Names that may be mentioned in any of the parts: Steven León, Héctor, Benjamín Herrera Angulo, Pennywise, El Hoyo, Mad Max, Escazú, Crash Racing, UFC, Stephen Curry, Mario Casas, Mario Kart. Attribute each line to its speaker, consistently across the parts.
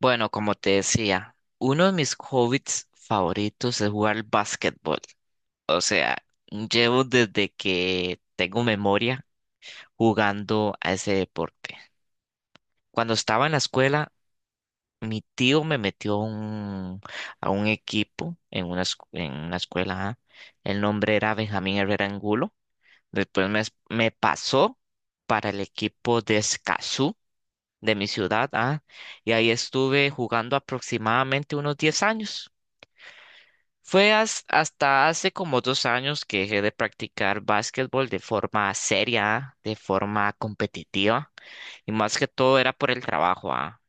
Speaker 1: Bueno, como te decía, uno de mis hobbies favoritos es jugar al básquetbol. O sea, llevo desde que tengo memoria jugando a ese deporte. Cuando estaba en la escuela, mi tío me metió a a un equipo en en una escuela. Ajá. El nombre era Benjamín Herrera Angulo. Después me, me pasó para el equipo de Escazú, de mi ciudad. Ah, Y ahí estuve jugando aproximadamente unos 10 años. Fue hasta hace como 2 años que dejé de practicar básquetbol de forma seria, de forma competitiva, y más que todo era por el trabajo, ah,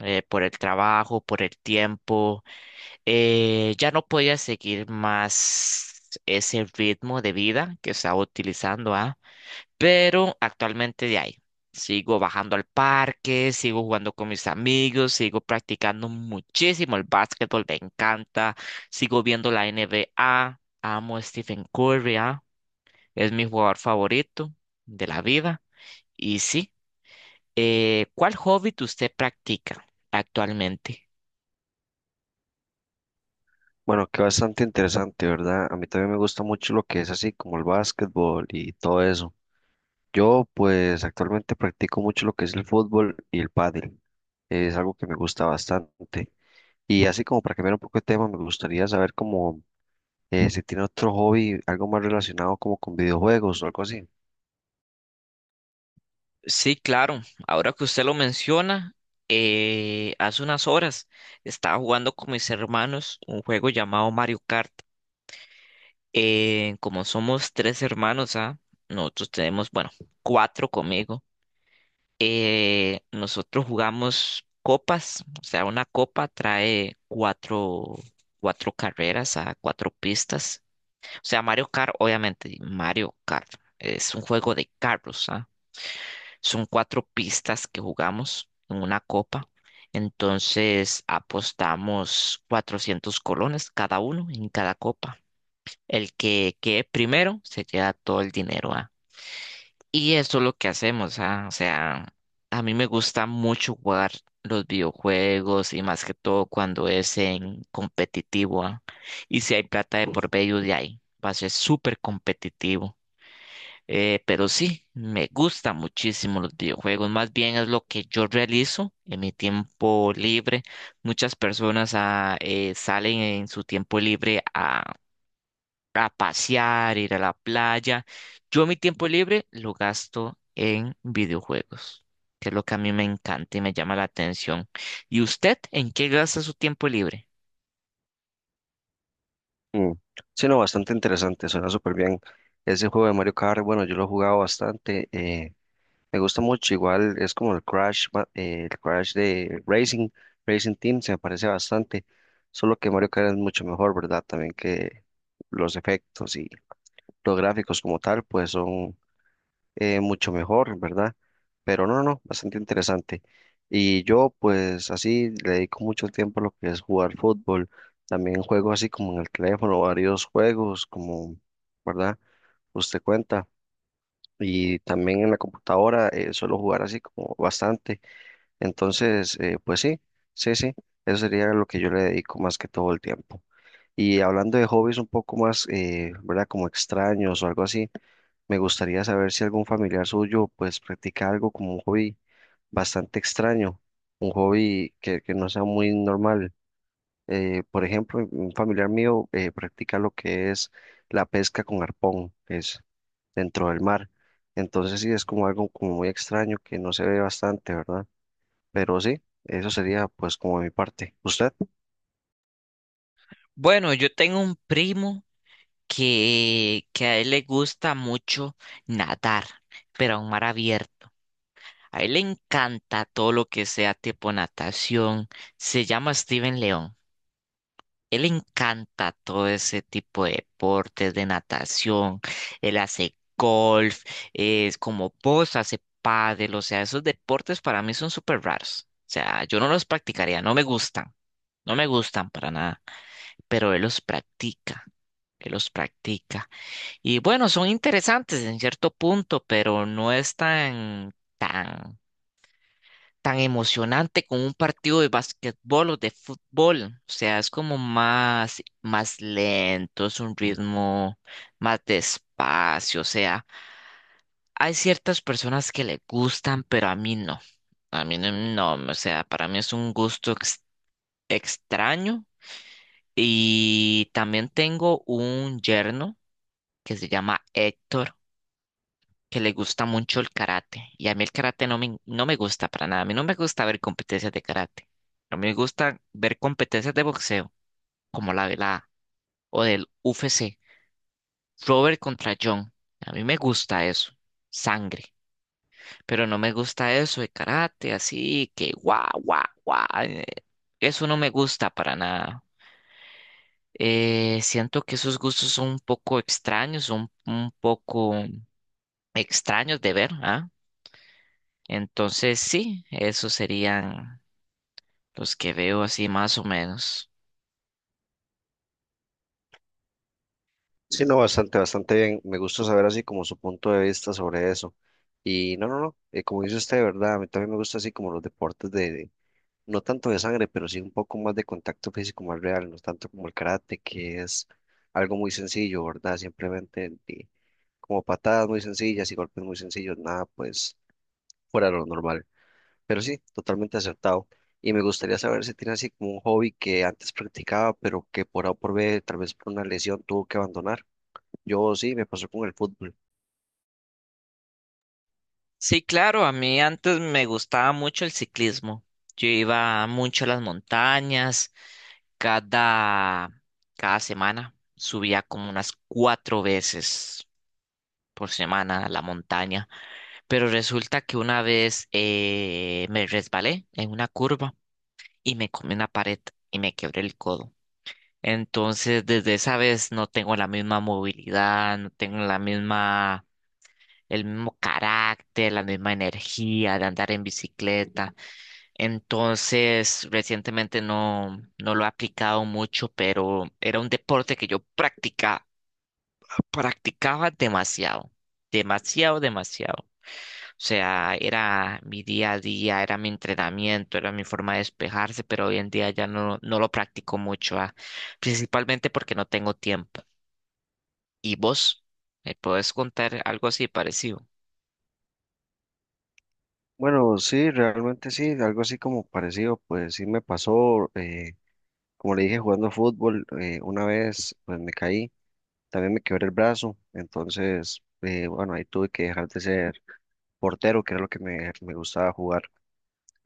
Speaker 1: eh, por el trabajo, por el tiempo. Ya no podía seguir más ese ritmo de vida que estaba utilizando, ah, pero actualmente de ahí. Sigo bajando al parque, sigo jugando con mis amigos, sigo practicando muchísimo el básquetbol, me encanta. Sigo viendo la NBA, amo a Stephen Curry. Ah, Es mi jugador favorito de la vida. Y sí, ¿cuál hobby que usted practica actualmente?
Speaker 2: Bueno, que bastante interesante, ¿verdad? A mí también me gusta mucho lo que es así como el básquetbol y todo eso. Yo pues actualmente practico mucho lo que es el fútbol y el pádel. Es algo que me gusta bastante. Y así como para cambiar un poco de tema, me gustaría saber como si tiene otro hobby, algo más relacionado como con videojuegos o algo así.
Speaker 1: Sí, claro, ahora que usted lo menciona, hace unas horas estaba jugando con mis hermanos un juego llamado Mario Kart. Como somos tres hermanos, ¿ah? Nosotros tenemos, bueno, cuatro conmigo. Nosotros jugamos copas, o sea, una copa trae cuatro carreras a cuatro pistas. O sea, Mario Kart, obviamente, Mario Kart es un juego de carros, ¿ah? Son cuatro pistas que jugamos en una copa. Entonces apostamos 400 colones cada uno en cada copa. El que quede primero se queda todo el dinero, ¿ah? Y eso es lo que hacemos, ¿ah? O sea, a mí me gusta mucho jugar los videojuegos y más que todo cuando es en competitivo, ¿ah? Y si hay plata de por medio de ahí, va a ser súper competitivo. Pero sí, me gusta muchísimo los videojuegos, más bien es lo que yo realizo en mi tiempo libre. Muchas personas salen en su tiempo libre a pasear, ir a la playa. Yo mi tiempo libre lo gasto en videojuegos, que es lo que a mí me encanta y me llama la atención. ¿Y usted en qué gasta su tiempo libre?
Speaker 2: Mm. Sí, no, bastante interesante, suena súper bien. Ese juego de Mario Kart, bueno, yo lo he jugado bastante. Me gusta mucho, igual es como el Crash, el Crash de Racing, Racing Team, se me parece bastante, solo que Mario Kart es mucho mejor, ¿verdad? También que los efectos y los gráficos como tal, pues son mucho mejor, ¿verdad? Pero no, bastante interesante. Y yo, pues así, le dedico mucho tiempo a lo que es jugar fútbol, también juego así como en el teléfono, varios juegos, como, ¿verdad? Usted cuenta, y también en la computadora suelo jugar así como bastante. Entonces, pues sí, sí, sí, eso sería lo que yo le dedico más que todo el tiempo. Y hablando de hobbies un poco más, ¿verdad? Como extraños o algo así, me gustaría saber si algún familiar suyo pues practica algo como un hobby bastante extraño, un hobby que no sea muy normal. Por ejemplo, un familiar mío practica lo que es la pesca con arpón, es dentro del mar. Entonces sí, es como algo como muy extraño que no se ve bastante, ¿verdad? Pero sí, eso sería pues como mi parte. ¿Usted?
Speaker 1: Bueno, yo tengo un primo que a él le gusta mucho nadar, pero a un mar abierto. A él le encanta todo lo que sea tipo natación. Se llama Steven León. Él le encanta todo ese tipo de deportes, de natación, él hace golf, es como vos hace pádel, o sea, esos deportes para mí son súper raros. O sea, yo no los practicaría, no me gustan, no me gustan para nada, pero él los practica, él los practica. Y bueno, son interesantes en cierto punto, pero no es tan tan emocionante como un partido de basquetbol o de fútbol. O sea, es como más, más lento, es un ritmo más despacio. O sea, hay ciertas personas que le gustan, pero a mí no. A mí no, no, o sea, para mí es un gusto extraño. Y también tengo un yerno que se llama Héctor que le gusta mucho el karate. Y a mí el karate no me gusta para nada. A mí no me gusta ver competencias de karate. A mí me gusta ver competencias de boxeo, como la velada o del UFC. Robert contra John. A mí me gusta eso. Sangre. Pero no me gusta eso de karate, así que guau, guau, guau. Eso no me gusta para nada. Siento que esos gustos son un poco extraños, son un poco extraños de ver, ¿ah? Entonces, sí, esos serían los que veo así más o menos.
Speaker 2: Sí, no, bastante, bastante bien. Me gusta saber así como su punto de vista sobre eso. Y no, como dice usted, ¿verdad? A mí también me gusta así como los deportes de, no tanto de sangre, pero sí un poco más de contacto físico más real, no tanto como el karate, que es algo muy sencillo, ¿verdad? Simplemente como patadas muy sencillas y golpes muy sencillos, nada pues fuera de lo normal. Pero sí, totalmente acertado. Y me gustaría saber si tiene así como un hobby que antes practicaba, pero que por A o por B, tal vez por una lesión, tuvo que abandonar. Yo sí, me pasó con el fútbol.
Speaker 1: Sí, claro, a mí antes me gustaba mucho el ciclismo. Yo iba mucho a las montañas, cada, cada semana subía como unas 4 veces por semana a la montaña, pero resulta que una vez me resbalé en una curva y me comí una pared y me quebré el codo. Entonces, desde esa vez no tengo la misma movilidad, no tengo la misma, el mismo carácter, la misma energía de andar en bicicleta. Entonces, recientemente no lo he aplicado mucho, pero era un deporte que yo practicaba demasiado. O sea, era mi día a día, era mi entrenamiento, era mi forma de despejarse, pero hoy en día ya no, no lo practico mucho. Ah, Principalmente porque no tengo tiempo. ¿Y vos? ¿Me podés contar algo así parecido?
Speaker 2: Bueno, sí, realmente sí, algo así como parecido, pues sí me pasó. Como le dije, jugando fútbol, una vez pues me caí, también me quebré el brazo, entonces, bueno, ahí tuve que dejar de ser portero, que era lo que me gustaba jugar.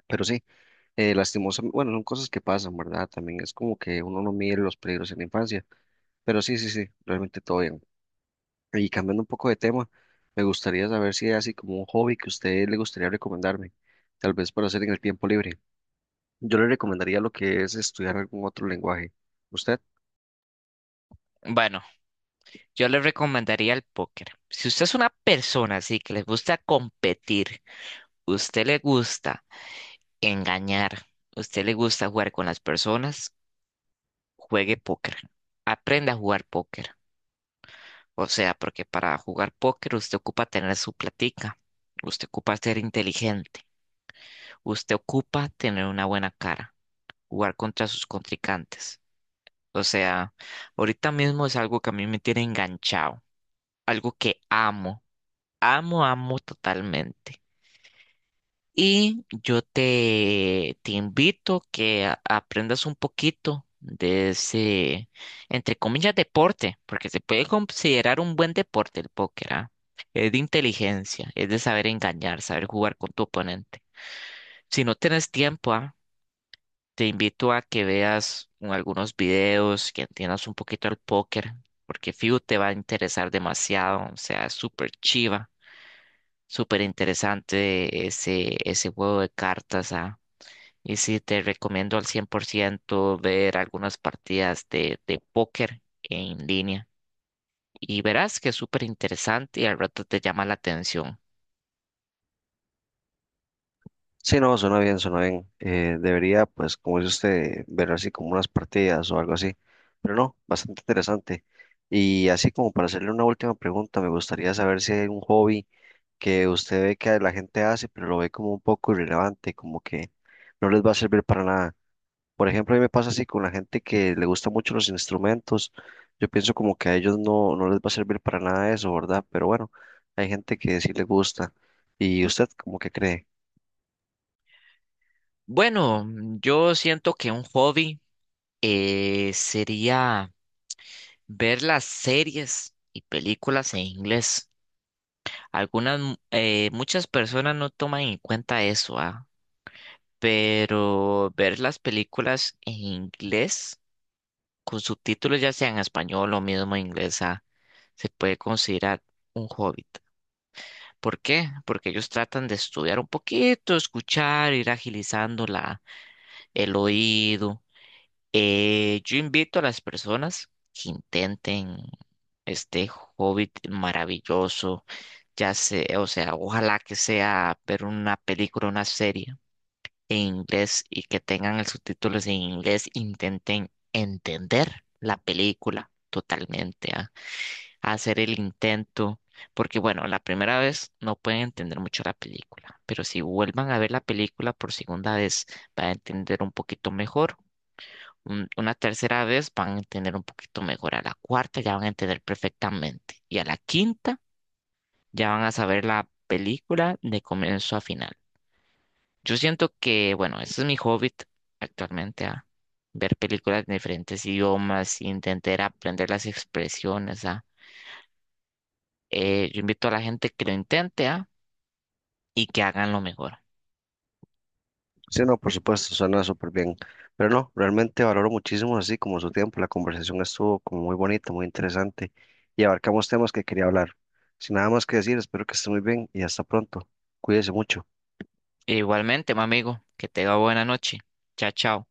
Speaker 2: Pero sí, lastimosamente, bueno, son cosas que pasan, ¿verdad? También es como que uno no mide los peligros en la infancia, pero sí, sí, sí, realmente todo bien. Y cambiando un poco de tema, me gustaría saber si hay así como un hobby que a usted le gustaría recomendarme, tal vez para hacer en el tiempo libre. Yo le recomendaría lo que es estudiar algún otro lenguaje. ¿Usted?
Speaker 1: Bueno, yo le recomendaría el póker. Si usted es una persona así que le gusta competir, usted le gusta engañar, usted le gusta jugar con las personas, juegue póker, aprenda a jugar póker. O sea, porque para jugar póker usted ocupa tener su platica, usted ocupa ser inteligente, usted ocupa tener una buena cara, jugar contra sus contrincantes. O sea, ahorita mismo es algo que a mí me tiene enganchado, algo que amo, amo, amo totalmente. Y yo te invito que aprendas un poquito de ese, entre comillas, deporte, porque se puede considerar un buen deporte el póker, ¿ah? Es de inteligencia, es de saber engañar, saber jugar con tu oponente. Si no tienes tiempo, ¿ah? Te invito a que veas algunos videos, que entiendas un poquito el póker, porque fijo te va a interesar demasiado, o sea, es súper chiva, súper interesante ese juego de cartas, ¿ah? Y sí, te recomiendo al 100% ver algunas partidas de póker en línea. Y verás que es súper interesante y al rato te llama la atención.
Speaker 2: Sí, no, suena bien, suena bien. Debería, pues, como dice usted, ver así como unas partidas o algo así. Pero no, bastante interesante. Y así como para hacerle una última pregunta, me gustaría saber si hay un hobby que usted ve que la gente hace, pero lo ve como un poco irrelevante, como que no les va a servir para nada. Por ejemplo, a mí me pasa así con la gente que le gustan mucho los instrumentos. Yo pienso como que a ellos no, no les va a servir para nada eso, ¿verdad? Pero bueno, hay gente que sí le gusta. ¿Y usted como que cree?
Speaker 1: Bueno, yo siento que un hobby sería ver las series y películas en inglés. Muchas personas no toman en cuenta eso. Ah, Pero ver las películas en inglés con subtítulos, ya sea en español o mismo en inglesa, se puede considerar un hobbit. ¿Por qué? Porque ellos tratan de estudiar un poquito, escuchar, ir agilizando el oído. Yo invito a las personas que intenten este hobbit maravilloso, ya sea, o sea, ojalá que sea ver una película, una serie en inglés y que tengan el subtítulos en inglés, intenten entender la película totalmente, ¿ah? Hacer el intento, porque bueno, la primera vez no pueden entender mucho la película, pero si vuelvan a ver la película por segunda vez, van a entender un poquito mejor. Una tercera vez van a entender un poquito mejor, a la cuarta ya van a entender perfectamente y a la quinta ya van a saber la película de comienzo a final. Yo siento que, bueno, ese es mi hobby actualmente, a ver películas en diferentes idiomas, intentar aprender las expresiones, ¿ah? Yo invito a la gente que lo intente, ¿ah? Y que hagan lo mejor.
Speaker 2: Sí, no, por supuesto, suena súper bien. Pero no, realmente valoro muchísimo así como su tiempo. La conversación estuvo como muy bonita, muy interesante y abarcamos temas que quería hablar. Sin nada más que decir, espero que esté muy bien y hasta pronto. Cuídese mucho.
Speaker 1: E igualmente, mi amigo, que tenga buena noche. Chao, chao.